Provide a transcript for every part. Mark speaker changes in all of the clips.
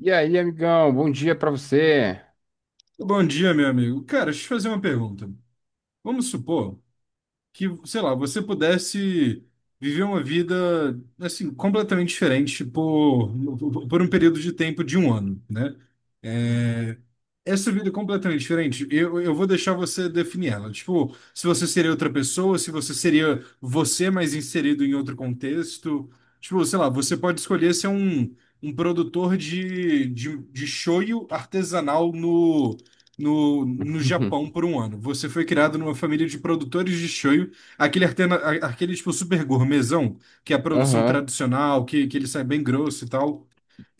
Speaker 1: E aí, amigão, bom dia pra você.
Speaker 2: Bom dia, meu amigo. Cara, deixa eu te fazer uma pergunta. Vamos supor que, sei lá, você pudesse viver uma vida, assim, completamente diferente por um período de tempo de um ano, né?
Speaker 1: Hum.
Speaker 2: É, essa vida é completamente diferente, eu vou deixar você definir ela. Tipo, se você seria outra pessoa, se você seria você, mas inserido em outro contexto. Tipo, sei lá, você pode escolher ser um produtor de shoyu artesanal no Japão por um ano. Você foi criado numa família de produtores de shoyu, aquele tipo super gourmetzão, que é a produção
Speaker 1: Aham,
Speaker 2: tradicional, que ele sai bem grosso e tal.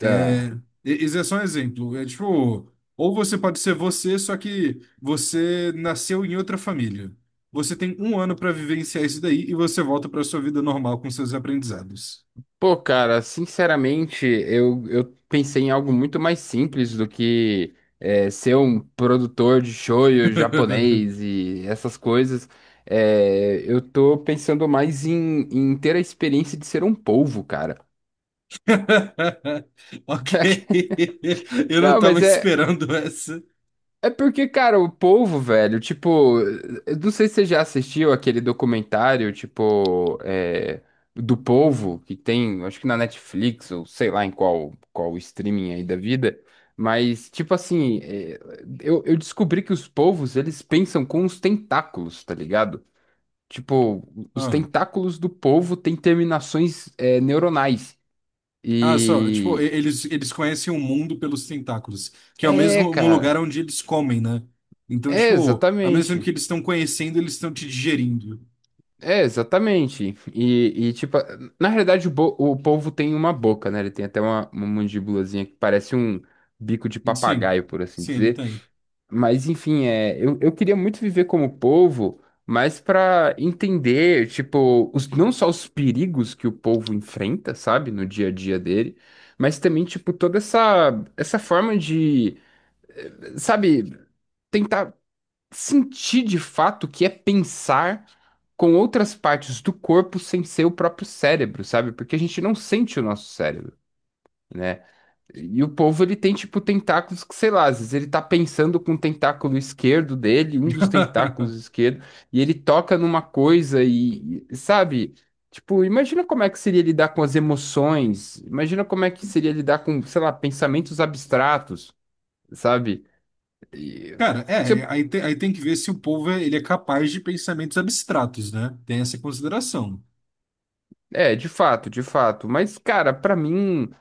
Speaker 2: É, esse é só um exemplo. Tipo, ou você pode ser você, só que você nasceu em outra família. Você tem um ano para vivenciar isso daí e você volta para sua vida normal com seus aprendizados.
Speaker 1: Pô, cara, sinceramente, eu pensei em algo muito mais simples do ser um produtor de shoyu japonês e essas coisas. Eu tô pensando mais em ter a experiência de ser um polvo, cara.
Speaker 2: Ok. Eu não
Speaker 1: Não,
Speaker 2: tava
Speaker 1: mas é,
Speaker 2: esperando essa.
Speaker 1: é porque, cara, o povo, velho, tipo, eu não sei se você já assistiu aquele documentário, tipo, do povo, que tem, acho que na Netflix, ou sei lá em qual, qual streaming aí da vida, mas, tipo assim, eu descobri que os povos, eles pensam com os tentáculos, tá ligado? Tipo, os
Speaker 2: Ah.
Speaker 1: tentáculos do povo têm terminações, neuronais.
Speaker 2: Ah, só, tipo, e-
Speaker 1: E.
Speaker 2: eles, eles conhecem o mundo pelos tentáculos, que é o
Speaker 1: É,
Speaker 2: mesmo um lugar
Speaker 1: cara.
Speaker 2: onde eles comem, né? Então,
Speaker 1: É,
Speaker 2: tipo, ao mesmo tempo que
Speaker 1: exatamente.
Speaker 2: eles estão conhecendo, eles estão te digerindo.
Speaker 1: É, exatamente. E, tipo, na realidade o polvo tem uma boca, né? Ele tem até uma mandíbulazinha que parece um bico de
Speaker 2: Sim,
Speaker 1: papagaio, por assim
Speaker 2: sim, ele
Speaker 1: dizer.
Speaker 2: tem.
Speaker 1: Mas, enfim, eu queria muito viver como polvo, mas pra entender, tipo, os, não só os perigos que o polvo enfrenta, sabe, no dia a dia dele, mas também, tipo, toda essa, essa forma de, sabe, tentar sentir de fato o que é pensar com outras partes do corpo sem ser o próprio cérebro, sabe? Porque a gente não sente o nosso cérebro, né? E o povo, ele tem, tipo, tentáculos que, sei lá, às vezes ele tá pensando com o tentáculo esquerdo dele, um dos tentáculos esquerdo, e ele toca numa coisa e, sabe? Tipo, imagina como é que seria lidar com as emoções, imagina como é que seria lidar com, sei lá, pensamentos abstratos, sabe? E-
Speaker 2: Cara, é,
Speaker 1: se-
Speaker 2: aí, te- aí tem que ver se o povo é, ele é capaz de pensamentos abstratos, né? Tem essa consideração.
Speaker 1: É, de fato, de fato. Mas, cara, pra mim,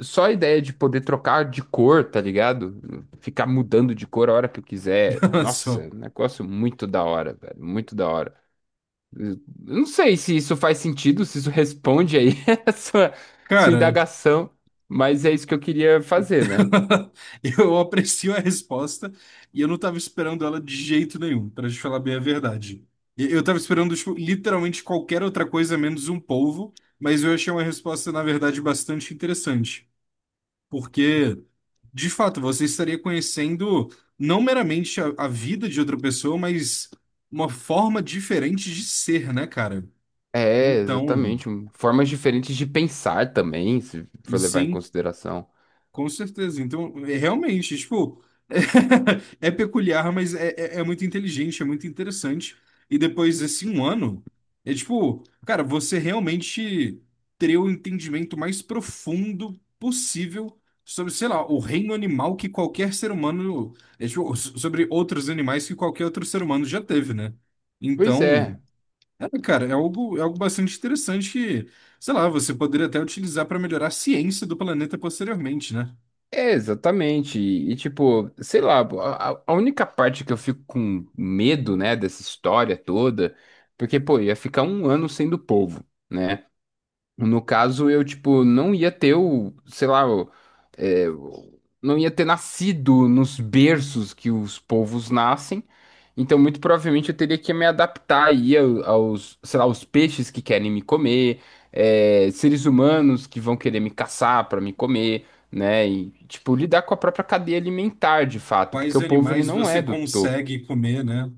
Speaker 1: só a ideia de poder trocar de cor, tá ligado? Ficar mudando de cor a hora que eu quiser. Nossa, é
Speaker 2: Só.
Speaker 1: um negócio muito da hora, velho. Muito da hora. Eu não sei se isso faz sentido, se isso responde aí a sua
Speaker 2: Cara.
Speaker 1: indagação, mas é isso que eu queria fazer, né?
Speaker 2: Eu aprecio a resposta e eu não estava esperando ela de jeito nenhum, para te falar bem a verdade. Eu estava esperando, tipo, literalmente qualquer outra coisa menos um polvo, mas eu achei uma resposta, na verdade, bastante interessante. Porque, de fato, você estaria conhecendo não meramente a vida de outra pessoa, mas uma forma diferente de ser, né, cara?
Speaker 1: É,
Speaker 2: Então,
Speaker 1: exatamente. Formas diferentes de pensar também, se
Speaker 2: e
Speaker 1: for levar em
Speaker 2: sim.
Speaker 1: consideração.
Speaker 2: Com certeza. Então, é realmente, tipo, é peculiar, mas é muito inteligente, é muito interessante. E depois desse um ano, é tipo, cara, você realmente teria o entendimento mais profundo possível sobre, sei lá, o reino animal que qualquer ser humano, tipo, sobre outros animais que qualquer outro ser humano já teve, né?
Speaker 1: Pois
Speaker 2: Então,
Speaker 1: é.
Speaker 2: cara, é algo bastante interessante que, sei lá, você poderia até utilizar para melhorar a ciência do planeta posteriormente, né?
Speaker 1: É, exatamente. E, tipo, sei lá, a única parte que eu fico com medo, né, dessa história toda, porque, pô, ia ficar um ano sendo povo, né? No caso, eu, tipo, não ia ter o, sei lá, é, o- não ia ter nascido nos berços que os povos nascem. Então, muito provavelmente, eu teria que me adaptar aí aos, sei lá, aos peixes que querem me comer, seres humanos que vão querer me caçar para me comer, né? E, tipo, lidar com a própria cadeia alimentar, de fato, porque
Speaker 2: Quais
Speaker 1: o povo, ele
Speaker 2: animais
Speaker 1: não é
Speaker 2: você
Speaker 1: do topo.
Speaker 2: consegue comer, né?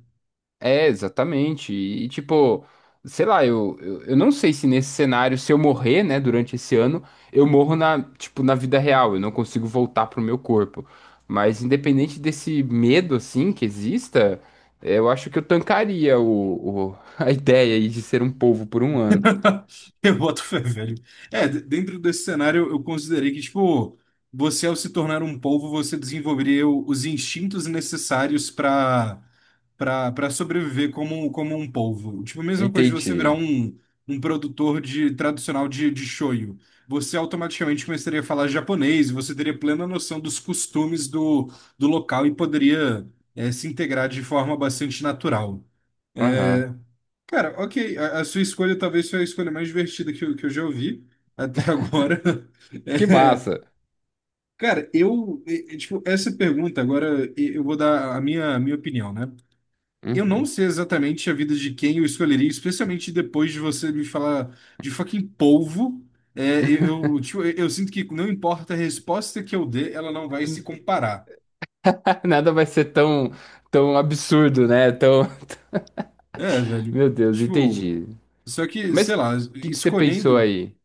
Speaker 1: É, exatamente. E, tipo, sei lá, eu não sei se nesse cenário, se eu morrer, né, durante esse ano, eu morro na, tipo, na vida real, eu não consigo voltar pro meu corpo. Mas independente desse medo, assim, que exista, eu acho que eu tancaria a ideia aí de ser um povo por um ano.
Speaker 2: Eu boto fé, velho. Dentro desse cenário, eu considerei que, tipo, você ao se tornar um polvo, você desenvolveria os instintos necessários para sobreviver como um polvo. Tipo, a mesma coisa de você virar
Speaker 1: Entendi.
Speaker 2: um produtor de tradicional de shoyu. Você automaticamente começaria a falar japonês, você teria plena noção dos costumes do local e poderia, se integrar de forma bastante natural.
Speaker 1: Aham.
Speaker 2: É, Cara, ok. A sua escolha talvez foi a escolha mais divertida que eu já ouvi até agora.
Speaker 1: Que
Speaker 2: É,
Speaker 1: massa.
Speaker 2: cara, tipo, essa pergunta, agora eu vou dar a minha opinião, né? Eu não
Speaker 1: Uhum.
Speaker 2: sei exatamente a vida de quem eu escolheria, especialmente depois de você me falar de fucking polvo. Tipo, eu sinto que não importa a resposta que eu dê, ela não vai se comparar.
Speaker 1: Nada vai ser tão, tão absurdo, né? Tão...
Speaker 2: É, velho.
Speaker 1: Meu Deus,
Speaker 2: Tipo,
Speaker 1: entendi.
Speaker 2: só que,
Speaker 1: Mas
Speaker 2: sei
Speaker 1: o
Speaker 2: lá,
Speaker 1: que que você pensou
Speaker 2: escolhendo.
Speaker 1: aí?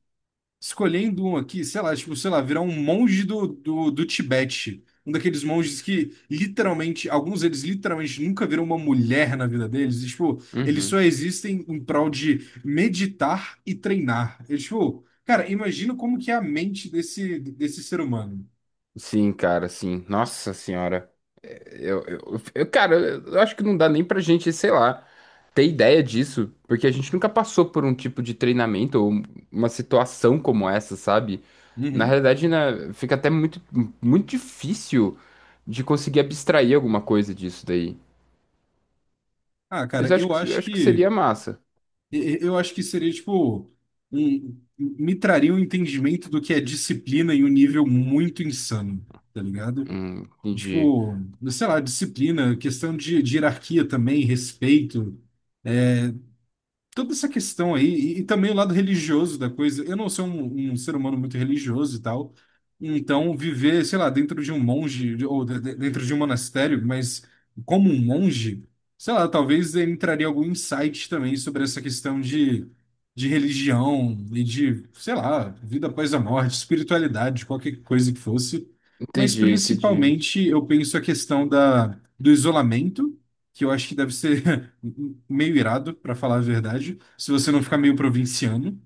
Speaker 2: Escolhendo um aqui, sei lá, tipo, sei lá, virar um monge do Tibete. Um daqueles monges que literalmente, alguns deles literalmente nunca viram uma mulher na vida deles. E, tipo, eles
Speaker 1: Uhum.
Speaker 2: só existem em prol de meditar e treinar. E, tipo, cara, imagina como que é a mente desse ser humano.
Speaker 1: Sim, cara, sim. Nossa senhora. Eu, eu, cara, eu acho que não dá nem pra gente, sei lá, ter ideia disso, porque a gente nunca passou por um tipo de treinamento ou uma situação como essa, sabe? Na
Speaker 2: Uhum.
Speaker 1: realidade, né, fica até muito, muito difícil de conseguir abstrair alguma coisa disso daí.
Speaker 2: Ah,
Speaker 1: Mas
Speaker 2: cara, eu
Speaker 1: eu
Speaker 2: acho
Speaker 1: acho que
Speaker 2: que
Speaker 1: seria massa.
Speaker 2: e- eu acho que seria, tipo, me traria um entendimento do que é disciplina em um nível muito insano, tá ligado?
Speaker 1: Entendi.
Speaker 2: Tipo, sei lá, disciplina, questão de hierarquia também, respeito toda essa questão aí, e também o lado religioso da coisa. Eu não sou um ser humano muito religioso e tal, então viver, sei lá, dentro de um monge, ou dentro de um monastério, mas como um monge, sei lá, talvez eu entraria algum insight também sobre essa questão de religião e de, sei lá, vida após a morte, espiritualidade, qualquer coisa que fosse. Mas
Speaker 1: Entendi, entendi.
Speaker 2: principalmente eu penso a questão do isolamento, que eu acho que deve ser meio irado, pra falar a verdade, se você não ficar meio provinciano.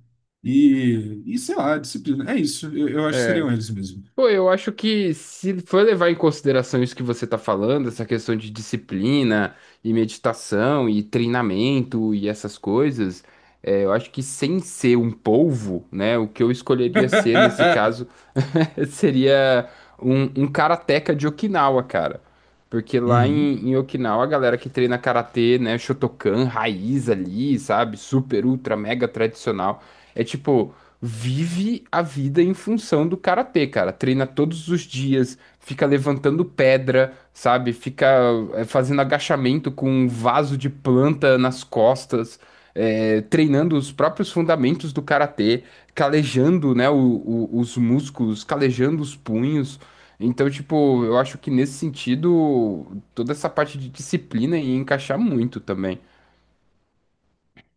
Speaker 2: E sei lá, disciplina. É isso, eu acho que
Speaker 1: É,
Speaker 2: seriam eles mesmo.
Speaker 1: Pô, eu acho que se for levar em consideração isso que você tá falando, essa questão de disciplina e meditação e treinamento e essas coisas, eu acho que sem ser um polvo, né, o que eu escolheria ser nesse caso seria um karateca de Okinawa, cara. Porque lá
Speaker 2: Uhum.
Speaker 1: em Okinawa, a galera que treina karatê, né, Shotokan, raiz ali, sabe? Super, ultra, mega tradicional. É tipo, vive a vida em função do karatê, cara. Treina todos os dias, fica levantando pedra, sabe? Fica fazendo agachamento com um vaso de planta nas costas, treinando os próprios fundamentos do karatê calejando, né, os músculos, calejando os punhos. Então, tipo, eu acho que nesse sentido, toda essa parte de disciplina ia encaixar muito também.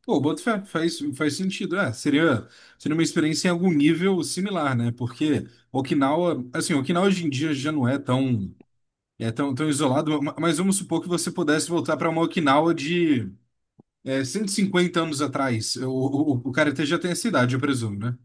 Speaker 2: Pô, boto fé, faz sentido. É, seria uma experiência em algum nível similar, né? Porque Okinawa, assim, Okinawa hoje em dia já não é tão isolado, mas vamos supor que você pudesse voltar para uma Okinawa de 150 anos atrás. O cara até já tem essa idade, eu presumo, né?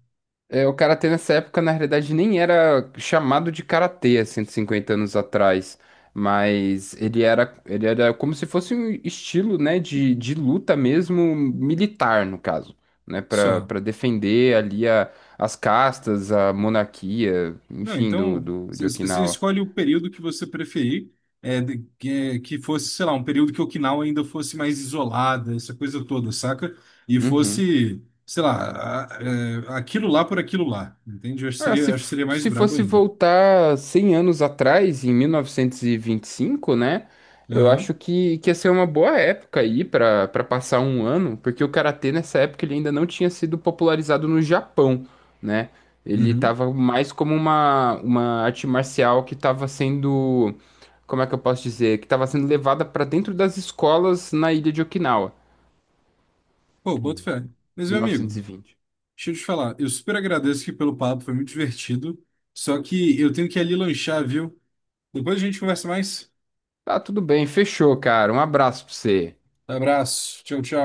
Speaker 1: É, o karatê nessa época, na realidade, nem era chamado de karatê há 150 anos atrás, mas ele era como se fosse um estilo, né, de luta mesmo, militar, no caso, né, para
Speaker 2: Só.
Speaker 1: para defender ali a, as castas, a monarquia,
Speaker 2: Não,
Speaker 1: enfim, do,
Speaker 2: então
Speaker 1: do,
Speaker 2: você
Speaker 1: de
Speaker 2: você
Speaker 1: Okinawa.
Speaker 2: escolhe o período que você preferir, que fosse, sei lá, um período que Okinawa ainda fosse mais isolada, essa coisa toda, saca? E
Speaker 1: Uhum.
Speaker 2: fosse, sei lá, aquilo lá por aquilo lá, entende? Eu acho que
Speaker 1: Ah, se,
Speaker 2: seria, acho que seria mais
Speaker 1: se
Speaker 2: brabo
Speaker 1: fosse
Speaker 2: ainda.
Speaker 1: voltar 100 anos atrás, em 1925, né? Eu acho
Speaker 2: Aham,
Speaker 1: que ia ser uma boa época aí para para passar um ano, porque o karatê nessa época ele ainda não tinha sido popularizado no Japão, né? Ele
Speaker 2: uhum.
Speaker 1: estava mais como uma arte marcial que estava sendo, como é que eu posso dizer? Que estava sendo levada para dentro das escolas na ilha de Okinawa,
Speaker 2: Pô, boto fé. Mas, meu amigo,
Speaker 1: 1920.
Speaker 2: deixa eu te falar, eu super agradeço aqui pelo papo, foi muito divertido, só que eu tenho que ir ali lanchar, viu? Depois a gente conversa mais.
Speaker 1: Tá, tudo bem, fechou, cara. Um abraço para você.
Speaker 2: Abraço, tchau, tchau.